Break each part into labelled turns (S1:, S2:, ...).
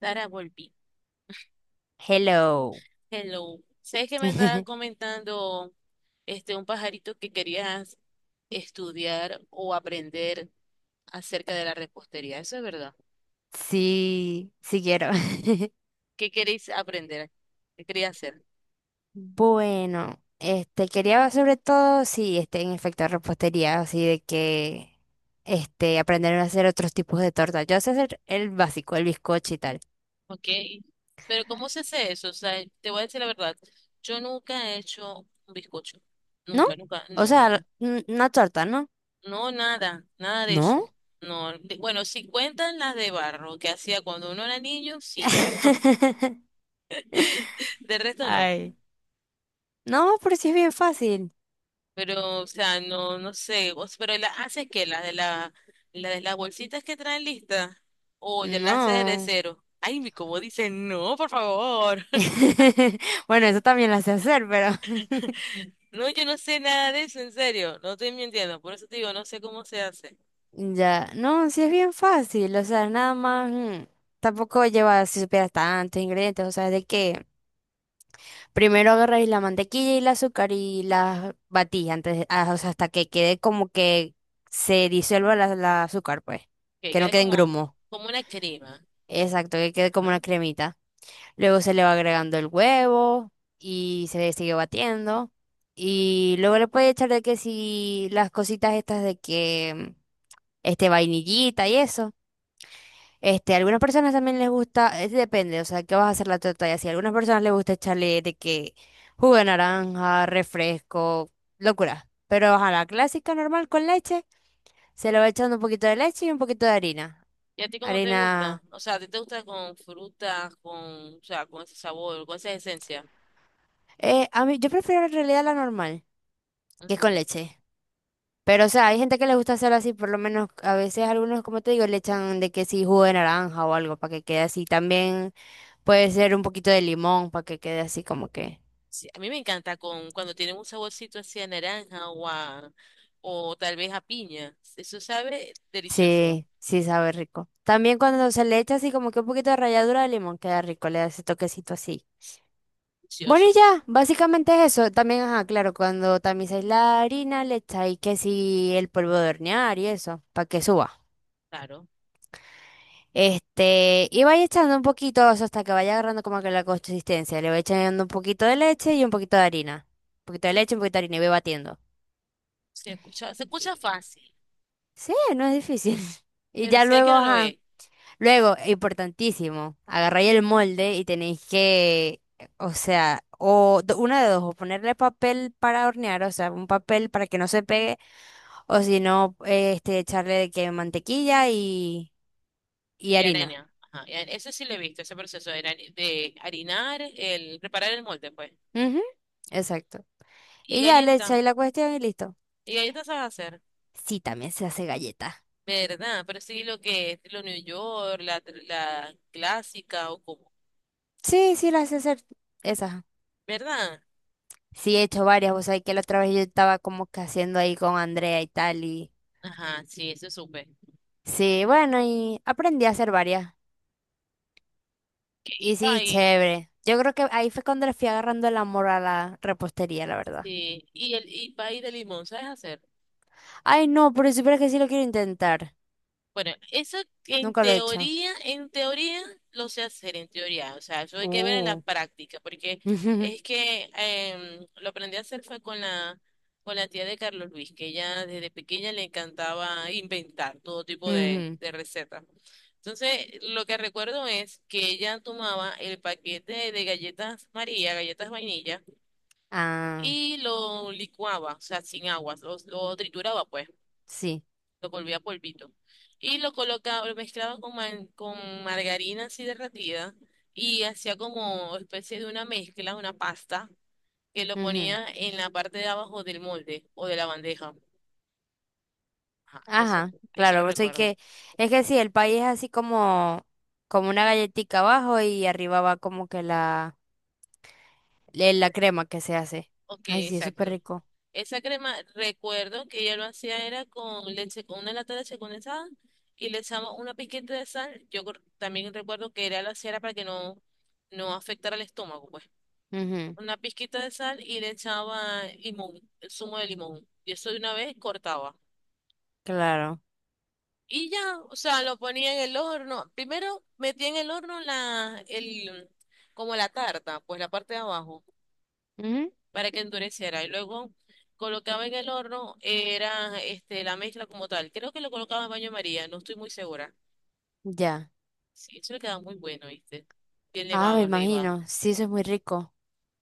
S1: Dara, volví.
S2: Hello.
S1: Hello. ¿Sabes que me estaba comentando este un pajarito que querías estudiar o aprender acerca de la repostería? Eso es verdad.
S2: Sí, sí quiero.
S1: ¿Qué queréis aprender? ¿Qué quería hacer?
S2: Bueno, este quería sobre todo sí, este en efecto repostería, así de que este aprender a hacer otros tipos de torta. Yo sé hacer el básico, el bizcocho y tal.
S1: Ok. Pero ¿cómo se hace eso? O sea, te voy a decir la verdad. Yo nunca he hecho un bizcocho.
S2: ¿No?
S1: Nunca, nunca.
S2: O
S1: No,
S2: sea,
S1: no.
S2: n- una torta, ¿no?
S1: No, nada. Nada de eso.
S2: ¿No?
S1: Bueno, si cuentan las de barro que hacía cuando uno era niño, sí, pero de resto no.
S2: Ay. No, pero sí es bien fácil.
S1: Pero, o sea, no, no sé, pero las haces que las de la de las bolsitas que traen listas, o ya las haces de
S2: No.
S1: cero. Ay, mi como dicen no, por favor.
S2: Bueno, eso también lo sé hacer, pero.
S1: No, yo no sé nada de eso, en serio, no estoy mintiendo, por eso te digo, no sé cómo se hace.
S2: Ya, no, sí es bien fácil, o sea, nada más, tampoco lleva, si supieras, tantos ingredientes, o sea, de que primero agarráis la mantequilla y el azúcar y las batís antes, de- ah, o sea, hasta que quede como que se disuelva la azúcar, pues,
S1: Que
S2: que no
S1: quede
S2: quede en
S1: como,
S2: grumo,
S1: como una crema.
S2: exacto, que quede como
S1: Ajá.
S2: una cremita. Luego se le va agregando el huevo y se le sigue batiendo y luego le puedes echar de que si las cositas estas de que, este, vainillita y eso. Este, a algunas personas también les gusta, es depende, o sea, qué vas a hacer la torta y así. A algunas personas les gusta echarle de que jugo de naranja, refresco, locura. Pero a la clásica normal con leche, se le va echando un poquito de leche y un poquito de harina.
S1: ¿Y a ti cómo te gusta?
S2: Harina,
S1: O sea, ¿a ti te gusta con frutas, con, o sea, con ese sabor, con esa esencia?
S2: a mí, yo prefiero en realidad la normal, que es con leche. Pero, o sea, hay gente que les gusta hacerlo así, por lo menos a veces algunos, como te digo, le echan de que sí jugo de naranja o algo para que quede así. También puede ser un poquito de limón para que quede así como que.
S1: Sí, a mí me encanta con cuando tienen un saborcito así a naranja o a, o tal vez a piña. Eso sabe delicioso,
S2: Sí, sí sabe rico. También cuando se le echa así como que un poquito de ralladura de limón, queda rico, le da ese toquecito así. Bueno,
S1: delicioso,
S2: y ya, básicamente es eso. También, ajá, claro, cuando tamizáis la harina, le echáis que si el polvo de hornear y eso, para que suba.
S1: claro.
S2: Este, y vais echando un poquito eso hasta que vaya agarrando como que la consistencia. Le vais echando un poquito de leche y un poquito de harina. Un poquito de leche, un poquito de harina y voy batiendo.
S1: Se escucha
S2: Y-
S1: fácil,
S2: sí, no es difícil. Y
S1: pero
S2: ya
S1: sé
S2: luego,
S1: que no lo
S2: ajá.
S1: es.
S2: Luego, importantísimo, agarráis el molde y tenéis que, o sea, o do- una de dos, o ponerle papel para hornear, o sea, un papel para que no se pegue, o si no, este, echarle de que mantequilla y
S1: Y
S2: harina.
S1: harina, ajá, eso sí lo he visto, ese proceso de, de harinar, el preparar el molde, pues.
S2: Ujú, exacto.
S1: Y
S2: Y ya le
S1: galleta,
S2: echáis la cuestión y listo.
S1: y galletas sabes hacer,
S2: Sí, también se hace galleta.
S1: ¿verdad? Pero sí lo que es lo New York, la clásica o como,
S2: Sí, sí, las sé hacer esas.
S1: ¿verdad?
S2: Sí, he hecho varias, vos sea, que la otra vez yo estaba como que haciendo ahí con Andrea y tal, y
S1: Ajá, sí, eso supe.
S2: sí, bueno, y aprendí a hacer varias.
S1: Y
S2: Y sí,
S1: pie.
S2: chévere. Yo creo que ahí fue cuando le fui agarrando el amor a la repostería, la verdad.
S1: Sí, y pay de limón, ¿sabes hacer?
S2: Ay, no, pero si supieras que sí lo quiero intentar.
S1: Bueno, eso
S2: Nunca lo he hecho.
S1: en teoría lo sé hacer, en teoría. O sea, eso hay que ver en la
S2: Uh.
S1: práctica, porque es que lo aprendí a hacer fue con la tía de Carlos Luis, que ella desde pequeña le encantaba inventar todo tipo
S2: Ujú.
S1: de recetas. Entonces, lo que recuerdo es que ella tomaba el paquete de galletas María, galletas vainilla,
S2: Ah,
S1: y lo licuaba, o sea, sin agua, lo trituraba, pues.
S2: sí.
S1: Lo volvía polvito. Y lo colocaba, lo mezclaba con, con margarina así derretida y hacía como especie de una mezcla, una pasta, que lo
S2: Ujú.
S1: ponía en la parte de abajo del molde o de la bandeja. Ajá, eso,
S2: Ajá,
S1: eso lo
S2: claro, pues soy
S1: recuerdo.
S2: que, es que sí, el país es así como, como una galletita abajo y arriba va como que la, le- la crema que se hace.
S1: Ok,
S2: Ay, sí, es súper
S1: exacto.
S2: rico.
S1: Esa crema, recuerdo que ella lo hacía era con leche, con una lata de leche condensada y le echaba una pizquita de sal. También recuerdo que era lo hacía era para que no, no afectara el estómago, pues.
S2: Ujú,
S1: Una pizquita de sal y le echaba limón, el zumo de limón. Y eso de una vez cortaba.
S2: claro.
S1: Y ya, o sea, lo ponía en el horno. Primero metía en el horno la, el, como la tarta, pues la parte de abajo,
S2: Ujú,
S1: para que endureciera. Y luego colocaba en el horno, era este, la mezcla como tal. Creo que lo colocaba en baño María, no estoy muy segura.
S2: ya.
S1: Sí, eso le queda muy bueno, ¿viste? Bien
S2: Ah,
S1: nevado
S2: me
S1: arriba,
S2: imagino. Sí, eso es muy rico.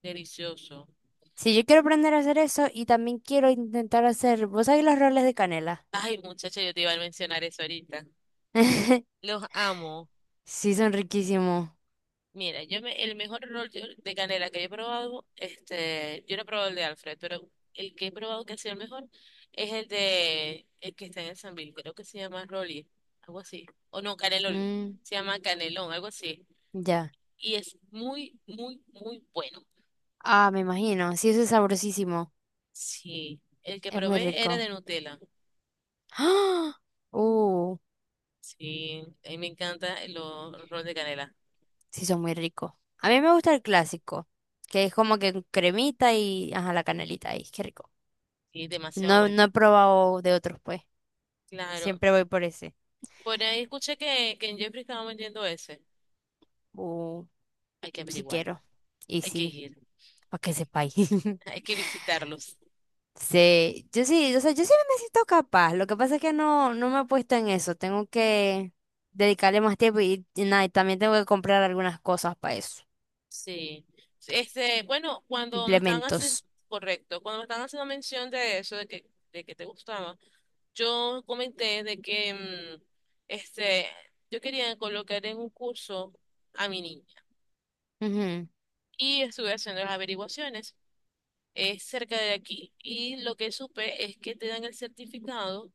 S1: delicioso.
S2: Sí, yo quiero aprender a hacer eso y también quiero intentar hacer, ¿vos sabés los roles de canela?
S1: Ay, muchacha, yo te iba a mencionar eso ahorita. Los amo.
S2: Sí, son riquísimos.
S1: Mira, el mejor rol de canela que he probado, este, yo no he probado el de Alfred, pero el que he probado que ha sido el mejor es el de el que está en el Sambil, creo que se llama Rolly, algo así. O no, Caneloli,
S2: Mm,
S1: se llama Canelón, algo así.
S2: ya.
S1: Y es muy, muy, muy bueno.
S2: Ah, me imagino. Sí, eso es sabrosísimo.
S1: Sí, el que
S2: Es muy
S1: probé era
S2: rico.
S1: de Nutella.
S2: ¡Ah! Uh,
S1: Sí, a mí me encanta los rol de canela.
S2: sí, son muy ricos. A mí me gusta el clásico, que es como que cremita y, ajá, la canelita ahí. Qué rico.
S1: Sí, demasiado
S2: No,
S1: bueno.
S2: no he probado de otros, pues.
S1: Claro.
S2: Siempre voy por ese.
S1: Por ahí escuché que en Jeffrey estaba vendiendo ese.
S2: Uh,
S1: Hay que
S2: sí
S1: averiguar,
S2: quiero. Y
S1: hay que
S2: sí,
S1: ir.
S2: para que sepáis.
S1: Hay que visitarlos.
S2: Sí, yo sí, o sea, yo sí me siento capaz. Lo que pasa es que no, no me he puesto en eso. Tengo que dedicarle más tiempo y nada, y también tengo que comprar algunas cosas para eso.
S1: Sí. Este, bueno, cuando me estaban
S2: Implementos.
S1: haciendo, Correcto, cuando me estaban haciendo mención de eso, de que te gustaba, yo comenté de que, este, yo quería colocar en un curso a mi niña
S2: Ujú.
S1: y estuve haciendo las averiguaciones. Es cerca de aquí y lo que supe es que te dan el certificado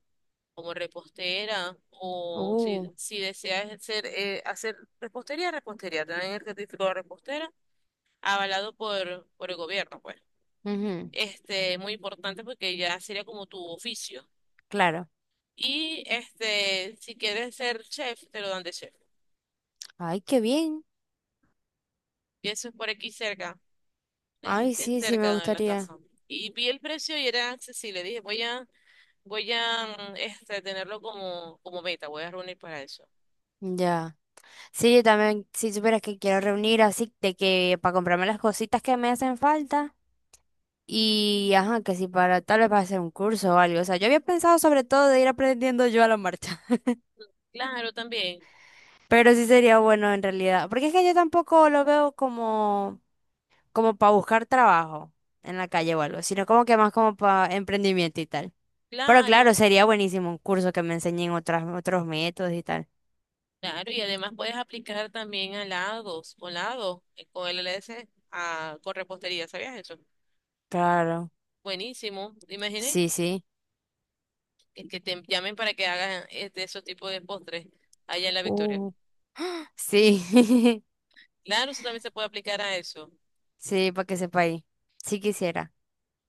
S1: como repostera o si,
S2: Uh,
S1: si deseas hacer, hacer repostería, repostería, te dan el certificado de repostera avalado por el gobierno, pues.
S2: ujú,
S1: Este, muy importante porque ya sería como tu oficio.
S2: claro.
S1: Y este, si quieres ser chef, te lo dan de chef.
S2: Ay, qué bien.
S1: Y eso es por aquí cerca,
S2: Ay,
S1: es
S2: sí, sí, me
S1: cerca de la
S2: gustaría.
S1: casa. Y vi el precio y era accesible. Dije, voy a, voy a tenerlo como, como meta, voy a reunir para eso.
S2: Ya. Sí, yo también, si supieras que quiero reunir así de que para comprarme las cositas que me hacen falta. Y ajá, que si para tal vez para hacer un curso o algo. O sea, yo había pensado sobre todo de ir aprendiendo yo a la marcha.
S1: Claro, también,
S2: Pero sí sería bueno en realidad, porque es que yo tampoco lo veo como, como para buscar trabajo en la calle o algo, sino como que más como para emprendimiento y tal. Pero claro,
S1: claro,
S2: sería buenísimo un curso que me enseñen otros métodos y tal.
S1: claro. Y además puedes aplicar también a lados, con el LSA, con repostería, ¿sabías eso?
S2: Claro,
S1: Buenísimo, ¿te imaginas?
S2: sí, sí.
S1: El que te llamen para que hagas este, esos tipos de postres allá en La Victoria.
S2: Uh. Sí,
S1: Claro, eso también se puede aplicar a eso.
S2: sí, para que sepa ahí. Sí quisiera.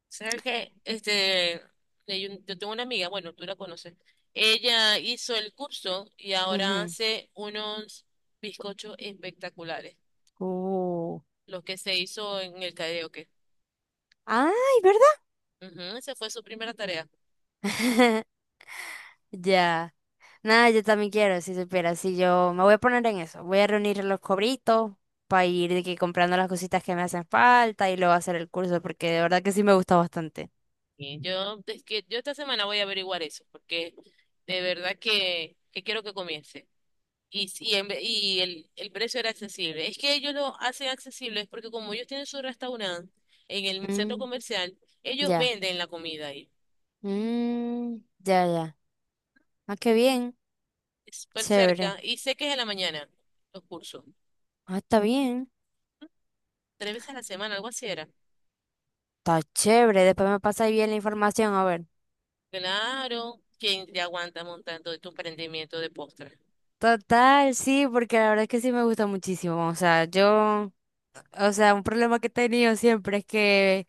S1: ¿Sabes qué? Este, yo tengo una amiga, bueno, tú la conoces. Ella hizo el curso y ahora
S2: Ujú.
S1: hace unos bizcochos espectaculares,
S2: Uh.
S1: los que se hizo en el karaoke.
S2: Ay, ¿verdad?
S1: Ujú, esa fue su primera tarea.
S2: Ya. Nada, yo también quiero, si supieras, si yo me voy a poner en eso, voy a reunir los cobritos para ir de que comprando las cositas que me hacen falta y luego hacer el curso, porque de verdad que sí me gusta bastante.
S1: Sí. Yo, es que yo esta semana voy a averiguar eso, porque de verdad que quiero que comience. Y, y el precio era accesible. Es que ellos lo hacen accesible es porque como ellos tienen su restaurante en el centro
S2: Mm,
S1: comercial, ellos
S2: ya,
S1: venden la comida ahí.
S2: mm, ya, ya. Ah, qué bien,
S1: Es súper
S2: chévere.
S1: cerca y sé que es en la mañana los cursos.
S2: Ah, está bien,
S1: 3 veces a la semana, algo así era.
S2: está chévere, después me pasa bien la información, a ver.
S1: Claro, ¿quién te aguanta montando tu emprendimiento de postres?
S2: Total, sí, porque la verdad es que sí me gusta muchísimo, o sea, yo, o sea, un problema que he tenido siempre es que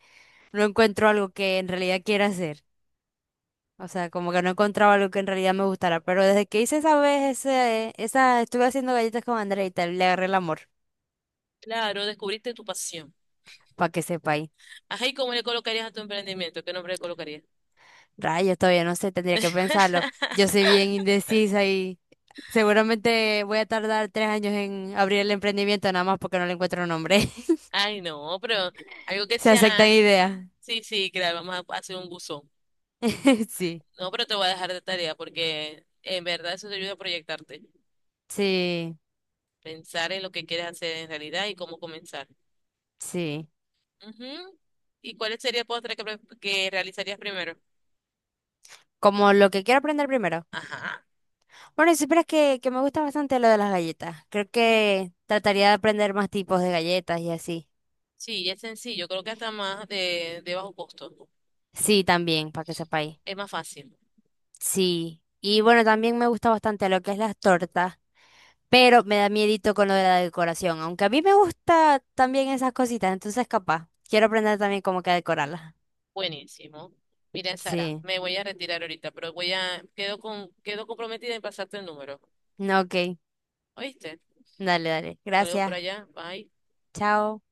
S2: no encuentro algo que en realidad quiera hacer. O sea, como que no encontraba algo que en realidad me gustara. Pero desde que hice esa vez, estuve haciendo galletas con Andrea y tal, le agarré el amor,
S1: Claro, descubriste tu pasión.
S2: para que sepa ahí.
S1: Ajá, ¿y cómo le colocarías a tu emprendimiento? ¿Qué nombre le colocarías?
S2: Rayos, todavía no sé, tendría que pensarlo. Yo soy bien indecisa y seguramente voy a tardar 3 años en abrir el emprendimiento nada más porque no le encuentro nombre.
S1: Ay, no, pero algo que
S2: Se aceptan
S1: sea.
S2: ideas.
S1: Sí, sí, claro, vamos a hacer un buzón.
S2: Sí,
S1: No, pero te voy a dejar de tarea porque en verdad eso te ayuda a proyectarte.
S2: sí,
S1: Pensar en lo que quieres hacer en realidad y cómo comenzar.
S2: sí.
S1: Ujú. ¿Y cuál sería el postre que realizarías primero?
S2: Como lo que quiero aprender primero.
S1: Ajá.
S2: Bueno, si supieras que me gusta bastante lo de las galletas. Creo que trataría de aprender más tipos de galletas y así.
S1: Sí, es sencillo, creo que hasta más de bajo costo.
S2: Sí, también, para que sepáis.
S1: Es más fácil.
S2: Sí. Y bueno, también me gusta bastante lo que es las tortas, pero me da miedito con lo de la decoración, aunque a mí me gusta también esas cositas, entonces capaz. Quiero aprender también cómo que a decorarlas.
S1: Buenísimo. Mira, Sara,
S2: Sí.
S1: me voy a retirar ahorita, pero voy a, quedo con, quedo comprometida en pasarte el número.
S2: No, ok.
S1: ¿Oíste?
S2: Dale, dale.
S1: Saludos por
S2: Gracias.
S1: allá. Bye.
S2: Chao.